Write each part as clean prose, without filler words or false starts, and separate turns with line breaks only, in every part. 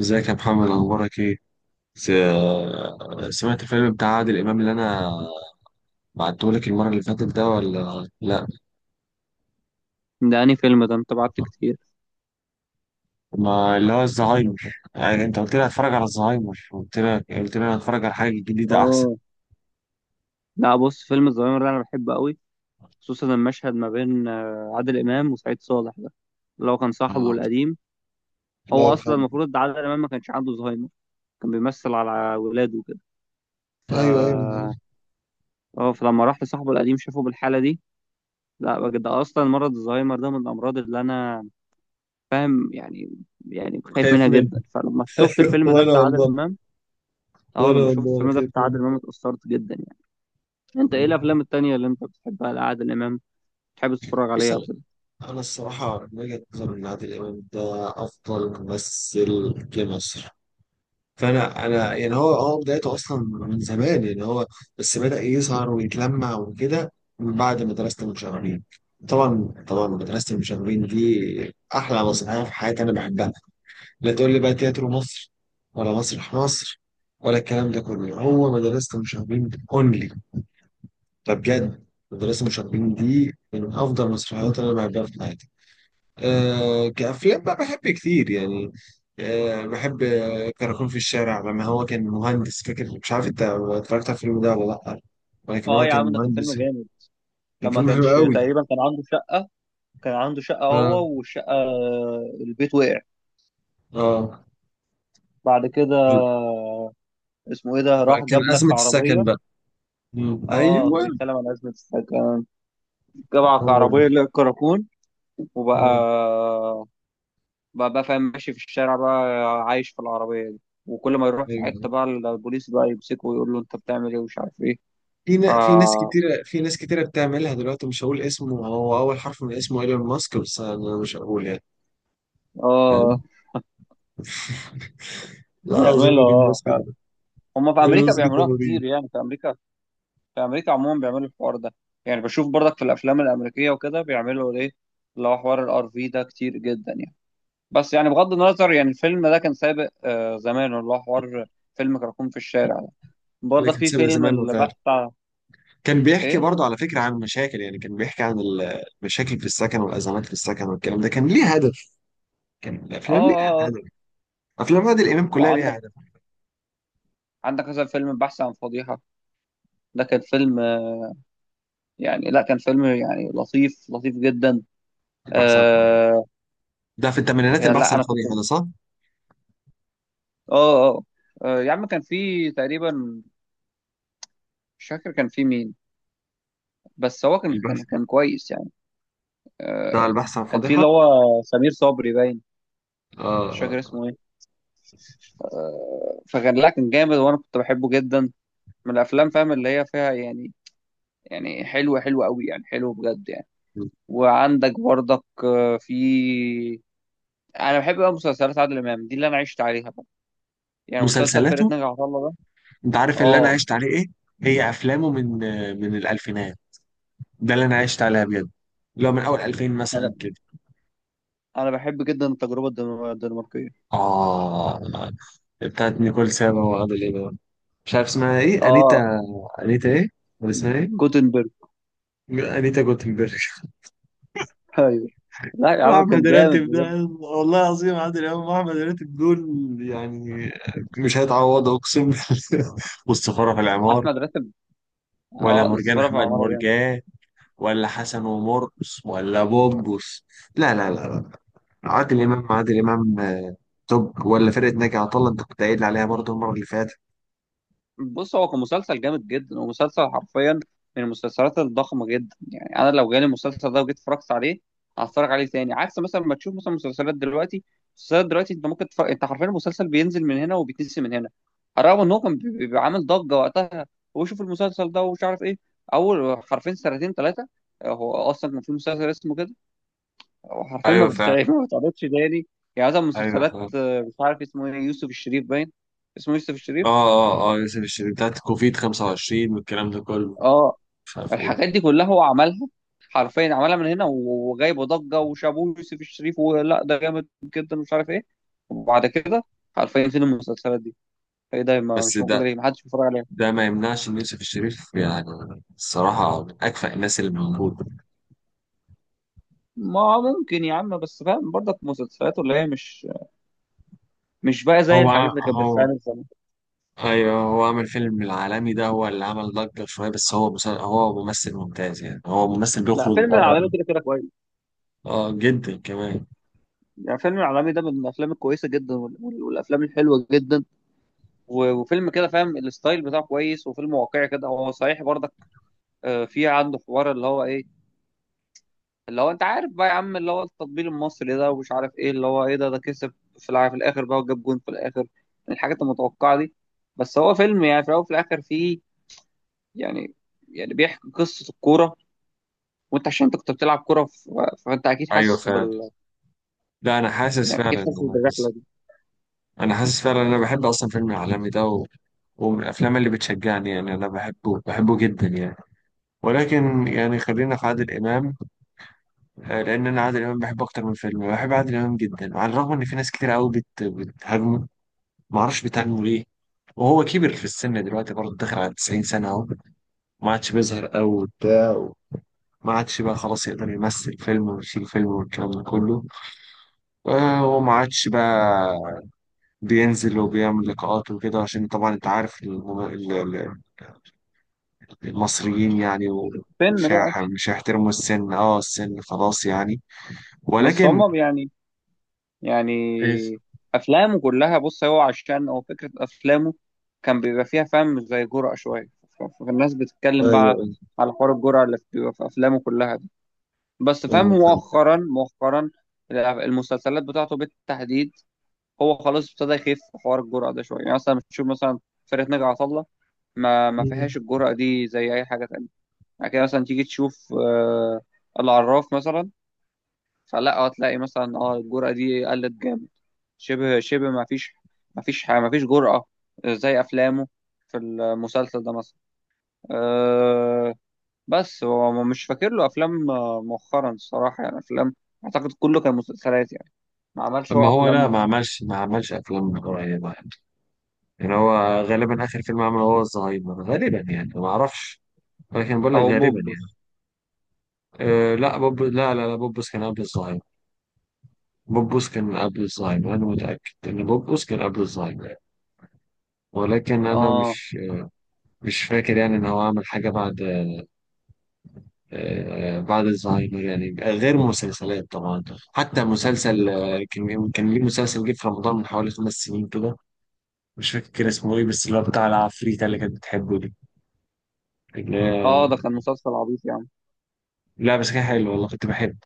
ازيك يا محمد؟ اخبارك ايه؟ س- سمعت الفيلم بتاع عادل امام اللي انا بعتهولك المره اللي فاتت ده ولا لا؟
ده أنهي فيلم؟ ده أنت بعت كتير.
ما اللي هو الزهايمر يعني انت قلت لي هتفرج على الزهايمر، قلت لك قلت لي هتفرج على حاجه جديده احسن.
اه، لا بص، فيلم الظاهرة ده أنا بحبه قوي. خصوصا المشهد ما بين عادل إمام وسعيد صالح ده، اللي هو كان صاحبه
اه.
القديم.
الله
هو أصلا
يرحمه.
المفروض ده عادل إمام ما كانش عنده زهايمر، كان بيمثل على ولاده وكده. ف
ايوه ايوه، أنا
اه، فلما راح لصاحبه القديم شافه بالحالة دي. لا بجد، ده أصلا مرض الزهايمر ده من الأمراض اللي أنا فاهم يعني، يعني خايف
خايف
منها
منه.
جدا. فلما شفت
ايوه،
الفيلم ده
وانا
بتاع عادل
والله
إمام، اه
وانا
لما شفت
والله
الفيلم ده
خايف
بتاع
منه.
عادل إمام اتأثرت جدا يعني. أنت إيه
ايوه.
الأفلام التانية اللي أنت بتحبها لعادل إمام؟ تحب تتفرج
بص،
عليه او
انا
كده.
انا الصراحه من وجهه نظري ان عادل امام ده افضل ممثل جه مصر. فانا يعني هو بدايته اصلا من زمان، يعني هو بس بدأ يظهر ويتلمع وكده من بعد مدرسة المشاغبين. طبعا طبعا مدرسة المشاغبين دي احلى مسرحية في حياتي، انا بحبها. لا تقول لي بقى تياترو مصر، ولا مسرح مصر، ولا الكلام ده كله، هو مدرسة المشاغبين اونلي. ده بجد مدرسة المشاغبين دي من افضل المسرحيات اللي انا بحبها في حياتي. آه، كأفلام بقى بحب كتير يعني. آه بحب، كراكون في الشارع لما هو كان مهندس، فاكر؟ مش عارف انت اتفرجت على الفيلم ده ولا لأ، ولكن
اه
هو
يا
كان
عم، ده كان فيلم
مهندس.
جامد.
كان
لما
فيلم حلو
كانش
قوي.
تقريبا كان عنده شقة، كان عنده شقة
اه،
هو والشقة، البيت وقع.
اه.
بعد كده اسمه ايه ده؟
بقى
راح
كان
جاب
أزمة
لك
السكن
عربية.
بقى.
اه،
ايوه.
بيتكلم عن أزمة السكن، جاب لك
هو ده.
عربية اللي هي الكراكون. وبقى
آه،
بقى فاهم، ماشي في الشارع بقى، عايش في العربية دي. وكل ما يروح في
ايوه.
حتة بقى البوليس بقى يمسكه ويقول له انت بتعمل ايه ومش عارف ايه.
في
ف
نا- في ناس كتيرة في ناس كتيرة بتعملها دلوقتي، مش هقول اسمه، هو أول حرف من اسمه ايلون ماسك، بس أنا مش هقول يعني.
اه،
فاهم؟ لا، عظيم
بيعملوا
ايلون
اه
ماسك
فعلا.
ده.
هما في
ايلون
امريكا
ماسك ده
بيعملوها
مريض.
كتير، يعني في امريكا، في امريكا عموما بيعملوا الحوار ده. يعني بشوف برضك في الافلام الامريكيه وكده بيعملوا ايه، اللي هو حوار الار في ده كتير جدا يعني. بس يعني بغض النظر، يعني الفيلم ده كان سابق آه زمان، اللي هو حوار فيلم كراكون في الشارع ده. برضك
لكن
في
سيبها
فيلم
زمان وفعلا
البحث عن
كان بيحكي
ايه،
برضه على فكرة عن مشاكل، يعني كان بيحكي عن المشاكل في السكن والأزمات في السكن، والكلام ده كان ليه هدف. كان
اه
الأفلام ليها
اه اه.
هدف. أفلام عادل إمام كلها ليها
وعندك،
هدف.
عندك مثلا فيلم البحث عن فضيحه، ده كان فيلم يعني، لا كان فيلم يعني لطيف، لطيف جدا.
البحث عن فضيحة
آه،
ده في الثمانينات،
يعني
البحث
لا
عن
انا كنت
فضيحة
اه،
ده، صح؟
اه يا عم كان في تقريبا، مش فاكر كان في مين، بس هو كان كان
البحث،
كان كويس يعني. آه،
بتاع البحث عن
كان في اللي
فضيحة.
هو سمير صبري باين،
آه،
مش فاكر
آه.
اسمه ايه. فكان لا كان جامد وانا كنت بحبه جدا، من الافلام فاهم اللي هي فيها يعني، يعني حلوه، قوي يعني، حلو بجد يعني. وعندك برضك في انا بحب بقى مسلسلات عادل امام دي اللي انا عشت عليها بقى. يعني مسلسل فرقه
مسلسلاته.
ناجي عطا الله ده.
أنت عارف اللي أنا
اه،
عشت عليه إيه؟ هي أفلامه من من الألفينات. ده اللي أنا عشت عليها بجد، اللي هو من أول 2000
انا
مثلا كده.
بحب جدا التجربه الدنماركيه.
آه، بتاعت نيكول سابا وعادل إمام. مش عارف اسمها إيه؟
اه
أنيتا. أنيتا إيه؟ ولا اسمها إيه؟
جوتنبرج.
انيتا جوتنبرج.
ايوه، لا يا عم
احمد
كان جامد
راتب ده،
بجد.
والله العظيم عادل امام واحمد راتب دول يعني مش هيتعوضوا، اقسم بالله. والسفاره في العمار،
احمد راتب،
ولا
اه
مرجان،
السفارة في
احمد
عمارة جامد.
مرجان، ولا حسن ومرقص، ولا بوبوس. لا لا لا لا، عادل امام، عادل امام آه، توب، ولا فرقه ناجي عطا الله انت كنت قايل عليها برضه المره اللي فاتت.
بص هو كان مسلسل جامد جدا، ومسلسل حرفيا من المسلسلات الضخمة جدا. يعني أنا لو جالي المسلسل ده وجيت اتفرجت عليه هتفرج عليه تاني، عكس مثلا ما تشوف مثلا مسلسلات دلوقتي. مسلسلات دلوقتي أنت ممكن تفرق، أنت حرفيا المسلسل بينزل من هنا وبيتنسي من هنا، على الرغم إن هو كان بيبقى عامل ضجة وقتها، وشوف المسلسل ده ومش عارف إيه أول حرفيا سنتين ثلاثة. هو أصلا كان في مسلسل اسمه كده، هو حرفيا ما
ايوه فعلا.
بتتعرض ما بتتعرضش تاني. يعني مثلا
ايوه
مسلسلات
فعلا.
مش عارف اسمه إيه، يوسف الشريف باين اسمه يوسف الشريف.
اه اه اه، يوسف الشريف بتاعت كوفيد 25 والكلام ده كله،
اه،
مش عارف ايه.
الحاجات دي كلها هو عملها، حرفيا عملها من هنا وجايبه ضجه وشابوه يوسف الشريف ولا ده جامد جدا ومش عارف ايه. وبعد كده حرفيا فين المسلسلات دي؟ ايه ده، ما
بس
مش موجوده
ده،
ليه؟ ما حدش بيتفرج عليها.
ده ما يمنعش ان يوسف الشريف، يعني الصراحه من اكفأ الناس اللي موجوده.
ما ممكن يا عم، بس فاهم برضك، مسلسلات اللي هي مش بقى زي
هو
الحاجات
ع-
اللي كانت
هو
بتتعمل زمان.
ايوه، هو عمل فيلم العالمي ده، هو اللي عمل ضجه شويه، بس هو هو ممثل ممتاز، يعني هو ممثل
لا
بيخرج
فيلم
بره
العالمي كده كده كويس.
اه جدا كمان.
يعني فيلم العالمي ده من الافلام الكويسه جدا والافلام الحلوه جدا. وفيلم كده فاهم الستايل بتاعه كويس، وفيلم واقعي كده هو صحيح برضك. في عنده حوار اللي هو ايه، اللي هو انت عارف بقى يا عم، اللي هو التطبيل المصري ده ومش عارف ايه، اللي هو ايه ده، ده كسب في في الاخر بقى وجاب جون في الاخر. الحاجات المتوقعه دي، بس هو فيلم يعني في الاول وفي الاخر فيه يعني، يعني بيحكي قصه الكوره. وانت عشان انت كنت بتلعب كوره، فانت اكيد
ايوه
حاسس
فعلا.
بال،
لا، انا حاسس
يعني اكيد
فعلا،
حاسس
انا
بالرحله
حاسس.
دي.
انا حاسس فعلا، انا بحب اصلا فيلم العالمي ده، و... ومن الافلام اللي بتشجعني يعني، انا بحبه بحبه جدا يعني. ولكن يعني خلينا في عادل امام، آه، لان انا عادل امام بحبه اكتر من فيلم، بحب عادل امام جدا. وعلى الرغم ان في ناس كتير قوي بتهاجمه، ما اعرفش بتهاجمه ليه، وهو كبر في السن دلوقتي برضه، داخل على 90 سنه اهو، ما عادش بيظهر قوي وبتاع. ما عادش بقى خلاص يقدر يمثل فيلم ويشيل فيلم والكلام ده كله، آه، وما عادش بقى بينزل وبيعمل لقاءات وكده، عشان طبعا انت عارف المصريين يعني، و...
فيلم
مش
بقى.
هيح- مش هيحترموا السن، اه السن خلاص يعني.
بس
ولكن
هما يعني،
ايوه.
يعني افلامه كلها بص، هو عشان هو فكره افلامه كان بيبقى فيها فهم زي جرأة شويه. فالناس بتتكلم بقى
ايوه
على حوار الجرأة اللي بتبقى في افلامه كلها. بس فاهم،
ايوه.
مؤخرا المسلسلات بتاعته بالتحديد هو خلاص ابتدى يخف في حوار الجرأة ده شوية. يعني مثلا بتشوف مثلا فرقة ناجي عطا الله ما
مم.
فيهاش الجرأة دي زي أي حاجة تانية. يعني كده مثلا تيجي تشوف العراف مثلا، فلا هتلاقي مثلا اه الجرأة دي قلت جامد، شبه ما فيش، ما فيش ما فيش جرأة زي أفلامه في المسلسل ده مثلا. آه، بس هو مش فاكر له افلام مؤخرا الصراحه، يعني افلام. اعتقد كله كان مسلسلات يعني، ما عملش
ما
هو
هو لا،
افلام.
ما عملش افلام قريبه يعني. يعني هو غالبا اخر فيلم عمله هو الزهايمر غالبا يعني، ما اعرفش، ولكن بقول لك
او
غالبا
بوبس.
يعني. أه لا، بوبوس كان قبل الزهايمر. بوبوس كان قبل الزهايمر، انا متاكد ان بوبوس كان قبل الزهايمر يعني. ولكن انا
اه
مش فاكر يعني ان هو عمل حاجه بعد. أه بعد الزهايمر يعني، غير مسلسلات طبعا. حتى مسلسل آه، كان ليه مسلسل جه في رمضان من حوالي 5 سنين كده، مش فاكر اسمه ايه، بس اللي هو بتاع العفريتة اللي كانت بتحبه دي، اللي
اه.
هي-
ده كان مسلسل عبيط يعني.
لا بس كان حلو والله، كنت بحبه،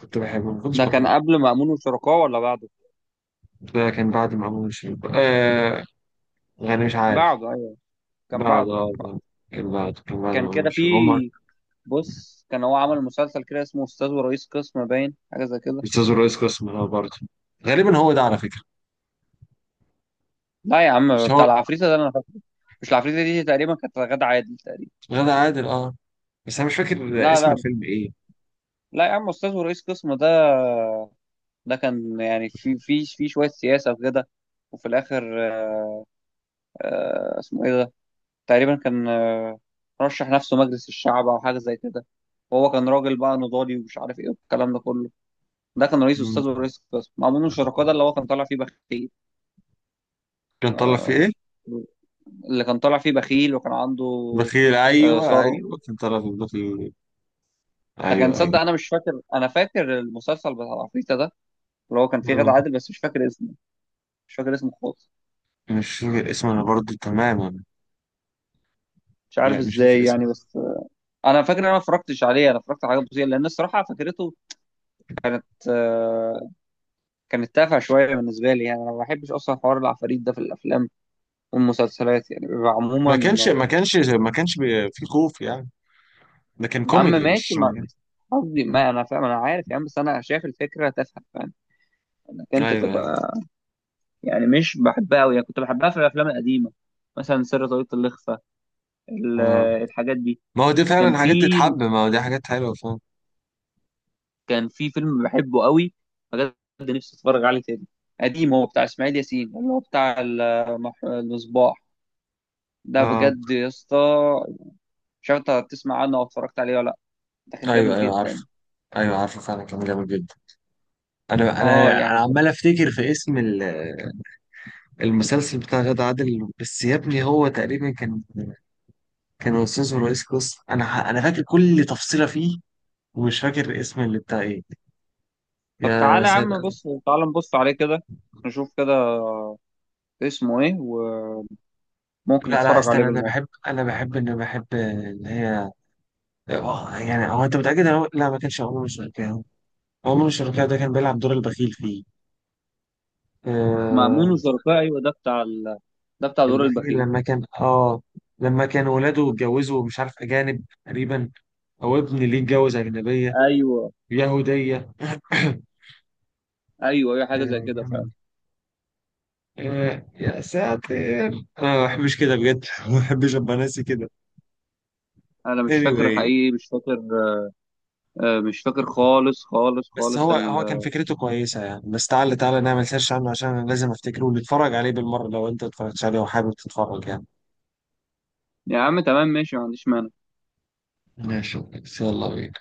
كنت بحبه، ما كنتش
ده كان
بكرهه.
قبل مأمون وشركاه ولا بعده؟
ده كان بعد ما أمون شريف، آه يعني مش عارف.
بعده ايوه، كان
بعد،
بعده كان بعده
كان بعد، كان بعد
كان
ما أمون
كده في،
شريف هما.
بص كان هو عمل مسلسل كده اسمه استاذ ورئيس قسم باين، حاجه زي كده.
أستاذ الرئيس قسم، اه برضه غالبا هو ده على فكرة.
لا يا عم،
مش
بتاع
هو.
العفريتة ده انا فاكره. مش العفريتة دي تقريبا كانت غادة عادل تقريبا.
غادة عادل اه، بس أنا مش فاكر
لا
اسم
لا،
الفيلم ايه.
لا يا عم استاذ ورئيس قسم ده، ده كان يعني في في شويه سياسه وكده. وفي الاخر اسمه ايه ده؟ تقريبا كان رشح نفسه مجلس الشعب او حاجه زي كده، وهو كان راجل بقى نضالي ومش عارف ايه والكلام ده كله. ده كان رئيس
مم.
استاذ ورئيس قسم، مأمون الشركاء ده اللي هو كان طالع فيه بخيل.
كان طلع فيه
آه،
ايه؟
اللي كان طالع فيه بخيل وكان عنده
بخيل، ايوه
ثروه.
ايوه، كان طلع فيه بخيل.
فكان
ايوه
تصدق،
ايوه.
انا مش فاكر، انا فاكر المسلسل بتاع العفريتة ده اللي هو كان فيه غادة
مم.
عادل، بس مش فاكر اسمه، مش فاكر اسمه خالص.
مش فاكر اسمه انا برضه تماما.
مش عارف
لا مش فاكر
ازاي يعني،
اسمه.
بس انا فاكر ان انا ما اتفرجتش عليه. انا اتفرجت على حاجات بسيطه، لان الصراحه فكرته كانت كانت تافهه شويه بالنسبه لي. يعني انا ما بحبش اصلا حوار العفاريت ده في الافلام والمسلسلات، يعني بيبقى عموما
ما كانش
آه،
ما كانش ما كانش بي- في خوف يعني؟ ده كان
يا عم
كوميدي،
ماشي،
مش.
ما قصدي ما انا فاهم، انا عارف يا عم، بس انا شايف الفكره تافهه، فاهم، انك انت
ايوه ايوه.
تبقى يعني، مش بحبها قوي يعني. كنت بحبها في الافلام القديمه مثلا سر طاقية الإخفاء، ال-
اه،
الحاجات دي.
ما هو دي
كان
فعلا حاجات
في،
تتحب، ما هو دي حاجات حلوه فعلا.
كان في فيلم بحبه قوي بجد، نفسي اتفرج عليه تاني. قديم هو بتاع اسماعيل ياسين اللي هو بتاع المصباح. ده
اه.
بجد يا اسطى، مش عارف انت هتسمع عنه او اتفرجت عليه ولا لا. ده كان
ايوه
جامد
ايوه عارف.
جدا.
ايوه عارفه فعلا كان جامد جدا. انا
اه
انا
يعني
انا
بجد.
عمال افتكر في اسم المسلسل بتاع غادة عادل، بس يا ابني هو تقريبا كان، كان استاذ ورئيس قسم، انا فاكر كل تفصيله فيه، ومش فاكر اسم اللي بتاع ايه.
طب
يا
تعالى يا عم،
ساتر.
بص تعالى نبص عليه كده، نشوف كده اسمه ايه، وممكن
لا لا،
نتفرج عليه
استنى، انا
بالمره.
بحب انا بحب ان بحب اللي هي، آه، يعني هو انت متأكد إن هو لا ما كانش عمر الشركاوي؟ عمر الشركاوي ده كان بيلعب دور البخيل فيه.
مأمون
آه.
وشركاه ايوه، ده بتاع ال، ده بتاع دور
البخيل
البخيل.
لما كان اه، لما كان ولاده اتجوزوا مش عارف أجانب تقريبا، أو ابن ليه اتجوز أجنبية
ايوه
يهودية.
ايوه، اي حاجه زي كده فعلا.
آه. آه، يا ساتر، انا ما بحبش كده بجد. ما بحبش ابقى ناسي كده.
انا مش فاكر
anyway
حقيقي، مش فاكر. مش فاكر خالص خالص
بس
خالص
هو،
ال.
هو كان فكرته كويسه يعني. بس تعالى نعمل سيرش عنه، عشان انا لازم افتكره، ونتفرج عليه بالمره لو انت اتفرجتش عليه وحابب تتفرج يعني.
يا عم تمام ماشي، ما عنديش مانع.
ماشي. يلا بينا.